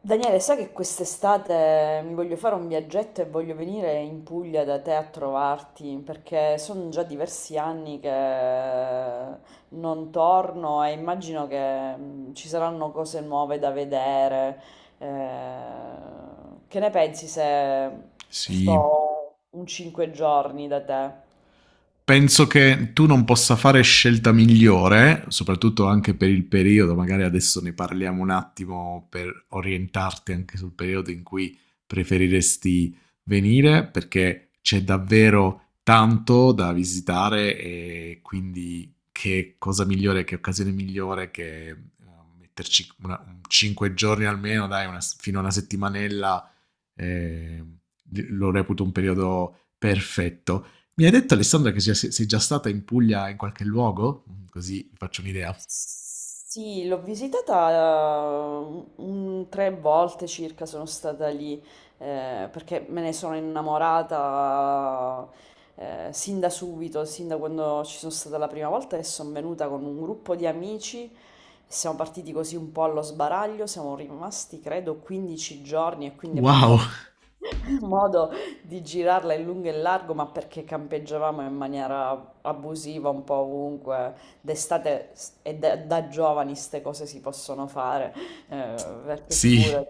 Daniele, sai che quest'estate mi voglio fare un viaggetto e voglio venire in Puglia da te a trovarti perché sono già diversi anni che non torno e immagino che ci saranno cose nuove da vedere. Che ne pensi se Sì, sto un 5 giorni da te? penso che tu non possa fare scelta migliore, soprattutto anche per il periodo, magari adesso ne parliamo un attimo per orientarti anche sul periodo in cui preferiresti venire, perché c'è davvero tanto da visitare e quindi che cosa migliore, che occasione migliore che metterci un 5 giorni almeno, dai, fino a una settimanella eh, lo reputo un periodo perfetto. Mi hai detto Alessandra che sei già stata in Puglia in qualche luogo? Mm, Così vi faccio un'idea. Sì, l'ho visitata tre volte circa, sono stata lì perché me ne sono innamorata sin da subito, sin da quando ci sono stata la prima volta e sono venuta con un gruppo di amici. Siamo partiti così un po' allo sbaraglio, siamo rimasti credo 15 giorni e quindi abbiamo Wow, modo di girarla in lungo e in largo, ma perché campeggiavamo in maniera abusiva un po' ovunque d'estate e da giovani ste cose si possono fare, perché sì. figura,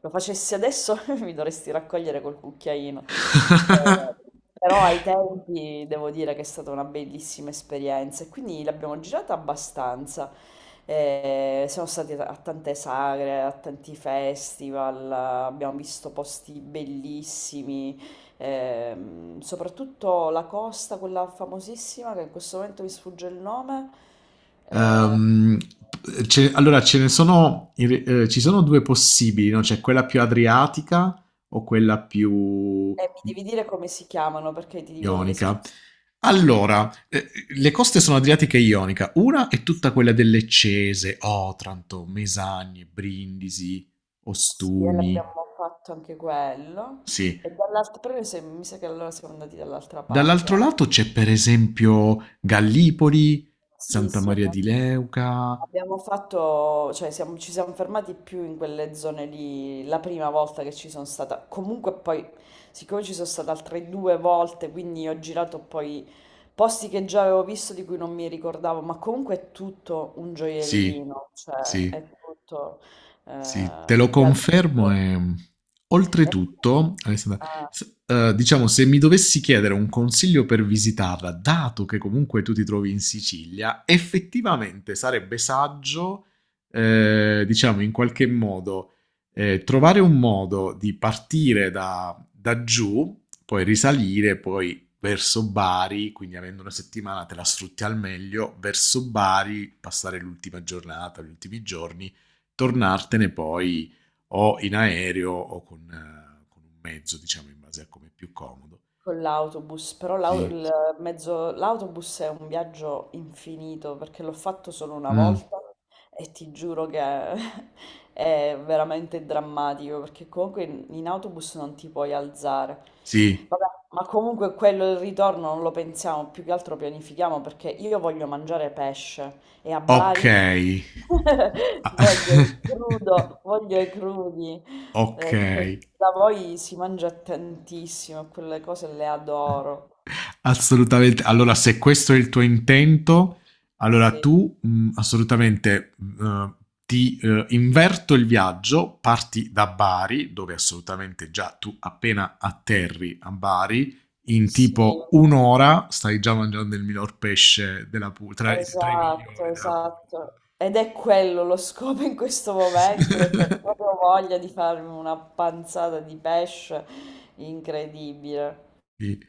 lo facessi adesso mi dovresti raccogliere col cucchiaino. Eh, Però ai tempi devo dire che è stata una bellissima esperienza e quindi l'abbiamo girata abbastanza. Siamo stati a tante sagre, a tanti festival, abbiamo visto posti bellissimi. Soprattutto la costa, quella famosissima, che in questo momento mi sfugge il nome, eh, Ehm, allora, ce ne sono, ci sono due possibili, no? C'è quella più adriatica o quella più e mi devi dire come si chiamano perché ti dico dove siamo ionica. stati. Allora, le coste sono Adriatica e Ionica. Una è tutta quella delle Cese, Otranto, Mesagne, Brindisi, Sì, e Ostuni. l'abbiamo fatto anche quello. Sì. E dall'altra, però noi mi sa che allora siamo andati dall'altra parte Dall'altro anche. lato c'è per esempio Gallipoli, Sì, Santa sì, Maria abbiamo, di Leuca. abbiamo fatto, cioè ci siamo fermati più in quelle zone lì la prima volta che ci sono stata. Comunque poi, siccome ci sono stata altre due volte, quindi ho girato poi posti che già avevo visto di cui non mi ricordavo, ma comunque è tutto un Sì, gioiellino, cioè è sì. tutto eh, Sì, te lo gradito. confermo e E- oltretutto, Alessandra, ah. Diciamo, se mi dovessi chiedere un consiglio per visitarla, dato che comunque tu ti trovi in Sicilia, effettivamente sarebbe saggio, diciamo, in qualche modo, trovare un modo di partire da giù, poi risalire, poi verso Bari, quindi avendo una settimana te la sfrutti al meglio, verso Bari, passare l'ultima giornata, gli ultimi giorni tornartene poi o in aereo o con un mezzo, diciamo, in base a come è più comodo. Con l'autobus, però Sì. L'autobus è un viaggio infinito perché l'ho fatto solo una Mm. volta e ti giuro che è veramente drammatico perché comunque in autobus non ti puoi alzare. Sì. Vabbè, ma comunque quello il ritorno non lo pensiamo, più che altro pianifichiamo perché io voglio mangiare pesce e a Ok. Bari voglio il Ah. crudo, voglio i crudi. Ok. Che da voi si mangia tantissimo, quelle cose le adoro. Assolutamente. Allora, se questo è il tuo intento, allora Sì, tu assolutamente ti inverto il viaggio, parti da Bari, dove assolutamente già tu appena atterri a Bari, in sì, tipo un'ora stai già mangiando il miglior pesce della Puglia, tra i esatto, migliori della Puglia. esatto. Ed è quello lo scopo in questo momento, ho proprio voglia di farmi una panzata di pesce incredibile.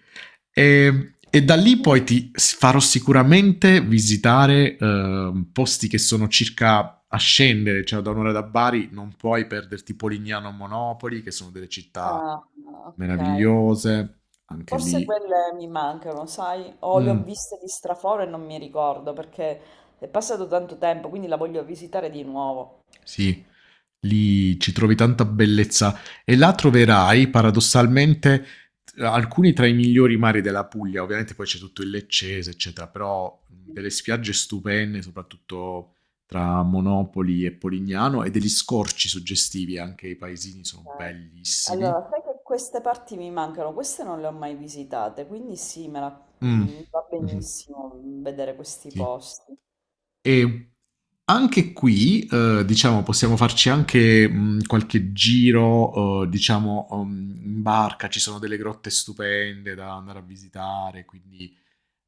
E da lì poi Quindi ti farò sicuramente visitare posti che sono circa a scendere, cioè da un'ora da Bari non puoi perderti Polignano o Monopoli, che sono delle città Ah, ok. meravigliose, anche Forse lì. quelle mi mancano, sai? O le ho Mm, viste di straforo e non mi ricordo perché è passato tanto tempo, quindi la voglio visitare di nuovo. sì, lì ci trovi tanta bellezza e là troverai paradossalmente alcuni tra i migliori mari della Puglia, ovviamente poi c'è tutto il Leccese, eccetera, però delle spiagge stupende, soprattutto tra Monopoli e Polignano e degli scorci suggestivi, anche i paesini sono Ok. bellissimi. Allora, sai che queste parti mi mancano, queste non le ho mai visitate, quindi sì, Mm. Va Mm-hmm. benissimo vedere questi Sì. posti. E anche qui, diciamo, possiamo farci anche qualche giro, diciamo, in barca. Ci sono delle grotte stupende da andare a visitare, quindi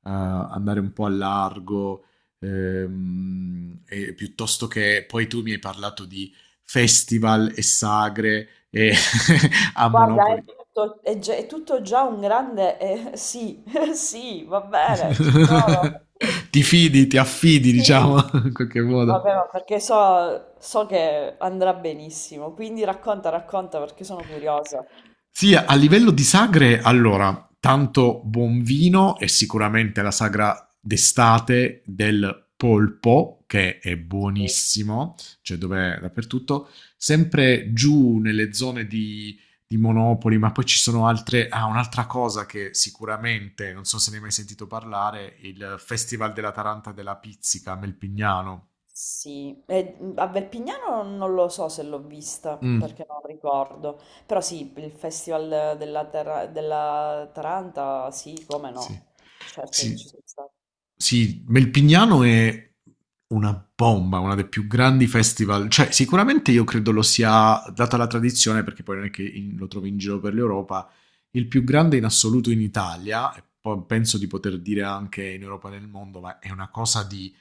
andare un po' a largo, e piuttosto che... Poi tu mi hai parlato di festival e sagre e a Guarda, Monopoli. è tutto, è già, è tutto già un grande sì, sì, va bene, ci sono. Ti fidi, ti affidi, Sì. diciamo, in qualche modo. Vabbè, ma perché so, so che andrà benissimo, quindi racconta, racconta perché sono curiosa. Sì, a livello di sagre, allora, tanto buon vino e sicuramente la sagra d'estate del polpo, che è Sì. buonissimo, cioè dov'è dappertutto, sempre giù nelle zone di Monopoli, ma poi ci sono altre... Ah, un'altra cosa che sicuramente, non so se ne hai mai sentito parlare, il Festival della Taranta e della Pizzica a Melpignano. Sì. E, a Verpignano non lo so se l'ho vista Mm, perché non ricordo, però sì, il Festival della Taranta, sì, come no, sì. certo che Sì, ci sono sì, Melpignano è una bomba, una dei più grandi festival, cioè sicuramente io credo lo sia, data la tradizione, perché poi non è che lo trovi in giro per l'Europa, il più grande in assoluto in Italia, e poi penso di poter dire anche in Europa e nel mondo, ma è una cosa di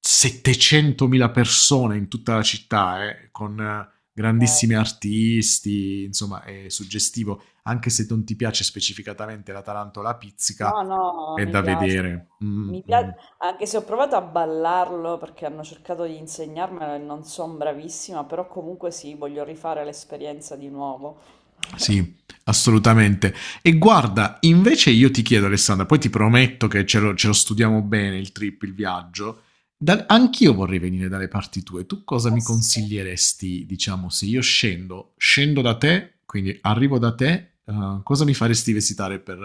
700.000 persone in tutta la città, con stata. grandissimi artisti, insomma è suggestivo, anche se non ti piace specificatamente la tarantola pizzica, No, no, è mi da piace. vedere. Mm, Mi pia- mm. Anche se ho provato a ballarlo perché hanno cercato di insegnarmelo e non sono bravissima, però comunque sì, voglio rifare l'esperienza di nuovo. Sì, assolutamente. E guarda, invece io ti chiedo, Alessandra, poi ti prometto che ce lo studiamo bene il trip, il viaggio. Eh Anch'io vorrei venire dalle parti tue. Tu cosa mi sì. consiglieresti, diciamo, se io scendo da te, quindi arrivo da te, cosa mi faresti visitare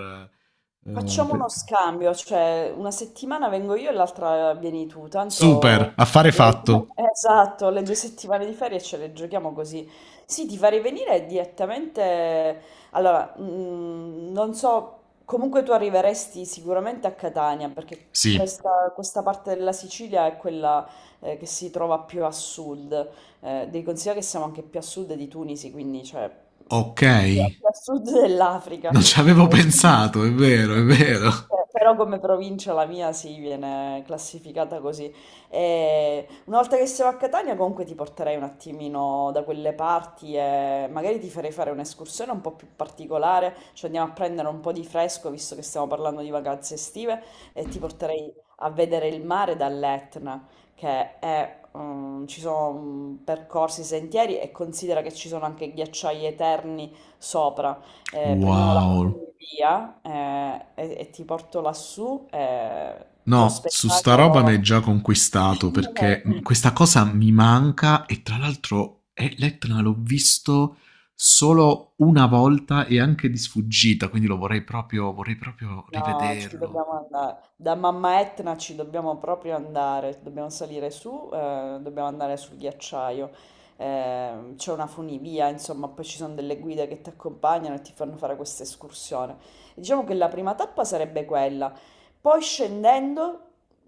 Facciamo per... uno scambio, cioè una settimana vengo io e l'altra vieni tu, Super, tanto... affare le- fatto. Esatto, le due settimane di ferie ce le giochiamo così. Sì, ti farei venire direttamente... Allora, non so, comunque tu arriveresti sicuramente a Catania, perché Sì, questa parte della Sicilia è quella che si trova più a sud. Devi considerare che siamo anche più a sud di Tunisi, quindi cioè ok. più a sud dell'Africa. Non ci avevo Eh, quindi- pensato, è vero, è sì, vero. Però come provincia la mia si viene classificata così. E una volta che siamo a Catania comunque ti porterei un attimino da quelle parti e magari ti farei fare un'escursione un po' più particolare, cioè andiamo a prendere un po' di fresco visto che stiamo parlando di vacanze estive e ti porterei a vedere il mare dall'Etna, che è, ci sono percorsi, sentieri e considera che ci sono anche ghiacciai eterni sopra prendiamo la Wow. funivia e ti porto lassù, lo No, su sta roba mi è spettacolo... già conquistato perché questa cosa mi manca e tra l'altro l'Etna l'ho visto solo una volta e anche di sfuggita, quindi lo vorrei proprio No, ci rivederlo. dobbiamo andare. Da Mamma Etna ci dobbiamo proprio andare. Dobbiamo salire su, dobbiamo andare sul ghiacciaio. C'è una funivia, insomma, poi ci sono delle guide che ti accompagnano e ti fanno fare questa escursione. Diciamo che la prima tappa sarebbe quella. Poi scendendo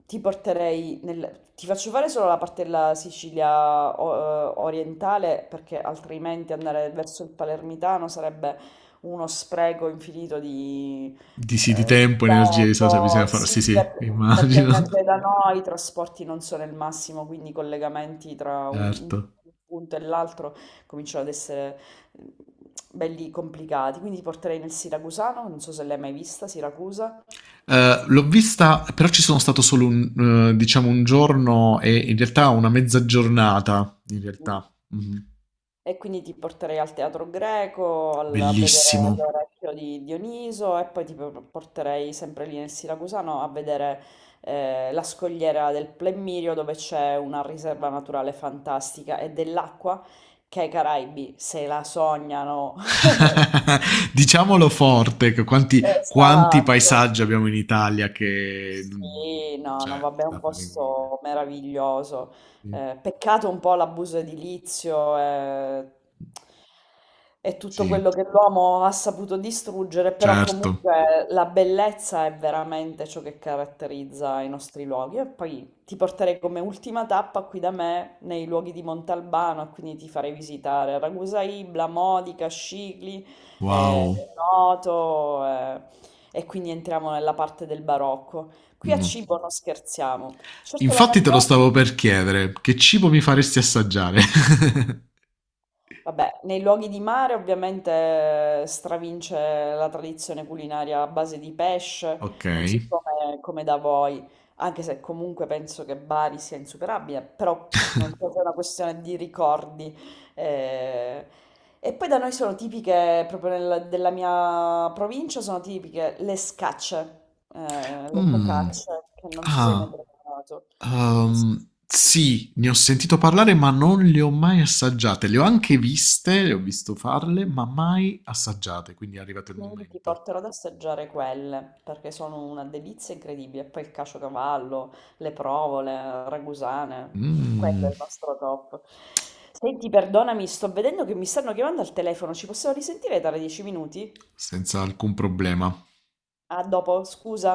ti porterei nel... Ti faccio fare solo la parte della Sicilia orientale perché altrimenti andare verso il palermitano sarebbe uno spreco infinito di Di sì, di Ehm, tempo, energia, e risorse tempo, bisogna fare. sì, Sì, sì, perché immagino. anche da noi i trasporti non sono il massimo, quindi i collegamenti tra un Certo. punto e l'altro cominciano ad essere eh, belli complicati. Quindi ti porterei nel Siracusano, non so se l'hai mai vista, Siracusa. L'ho vista, però ci sono stato solo un, diciamo un giorno e in realtà una mezza giornata, in realtà. Mhm. E quindi ti porterei al teatro greco, a vedere Bellissimo. l'orecchio di Dioniso e poi porterei sempre lì nel Siracusano a vedere la scogliera del Plemmirio dove c'è una riserva naturale fantastica e dell'acqua che i Caraibi se la sognano. Diciamolo forte, che quanti Esatto. paesaggi abbiamo in Italia che... Sì, no, no, Cioè, vabbè, è da un fare invidia. posto meraviglioso. Sì, Peccato un po' l'abuso edilizio e, tutto quello sì che l'uomo ha saputo distruggere, però certo. comunque la bellezza è veramente ciò che caratterizza i nostri luoghi. E poi ti porterei come ultima tappa qui da me nei luoghi di Montalbano, e quindi ti farei visitare Ragusa Ibla, Modica, Scicli, eh, Wow. Noto, e quindi entriamo nella parte del barocco. Qui a No. cibo non scherziamo. Certo la mia Infatti te lo zona, stavo per chiedere, che cibo mi faresti assaggiare? vabbè, nei luoghi di mare ovviamente stravince la tradizione culinaria a base di Ok. pesce, così come, come da voi, anche se comunque penso che Bari sia insuperabile, però non so se è una questione di ricordi. eh. E poi da noi sono tipiche, proprio della mia provincia, sono tipiche le scacce, le Mm. focacce, che non so se hai mai Ah, provato. Sì, ne ho sentito parlare, ma non le ho mai assaggiate. Le ho anche viste, le ho visto farle, ma mai assaggiate, quindi è arrivato il Quindi ti momento. porterò ad assaggiare quelle, perché sono una delizia incredibile. E poi il caciocavallo, le provole, ragusane, quello Mm, è il nostro top. Senti, perdonami, sto vedendo che mi stanno chiamando al telefono, ci possiamo risentire tra 10 minuti? senza alcun problema. Ah, dopo, scusa.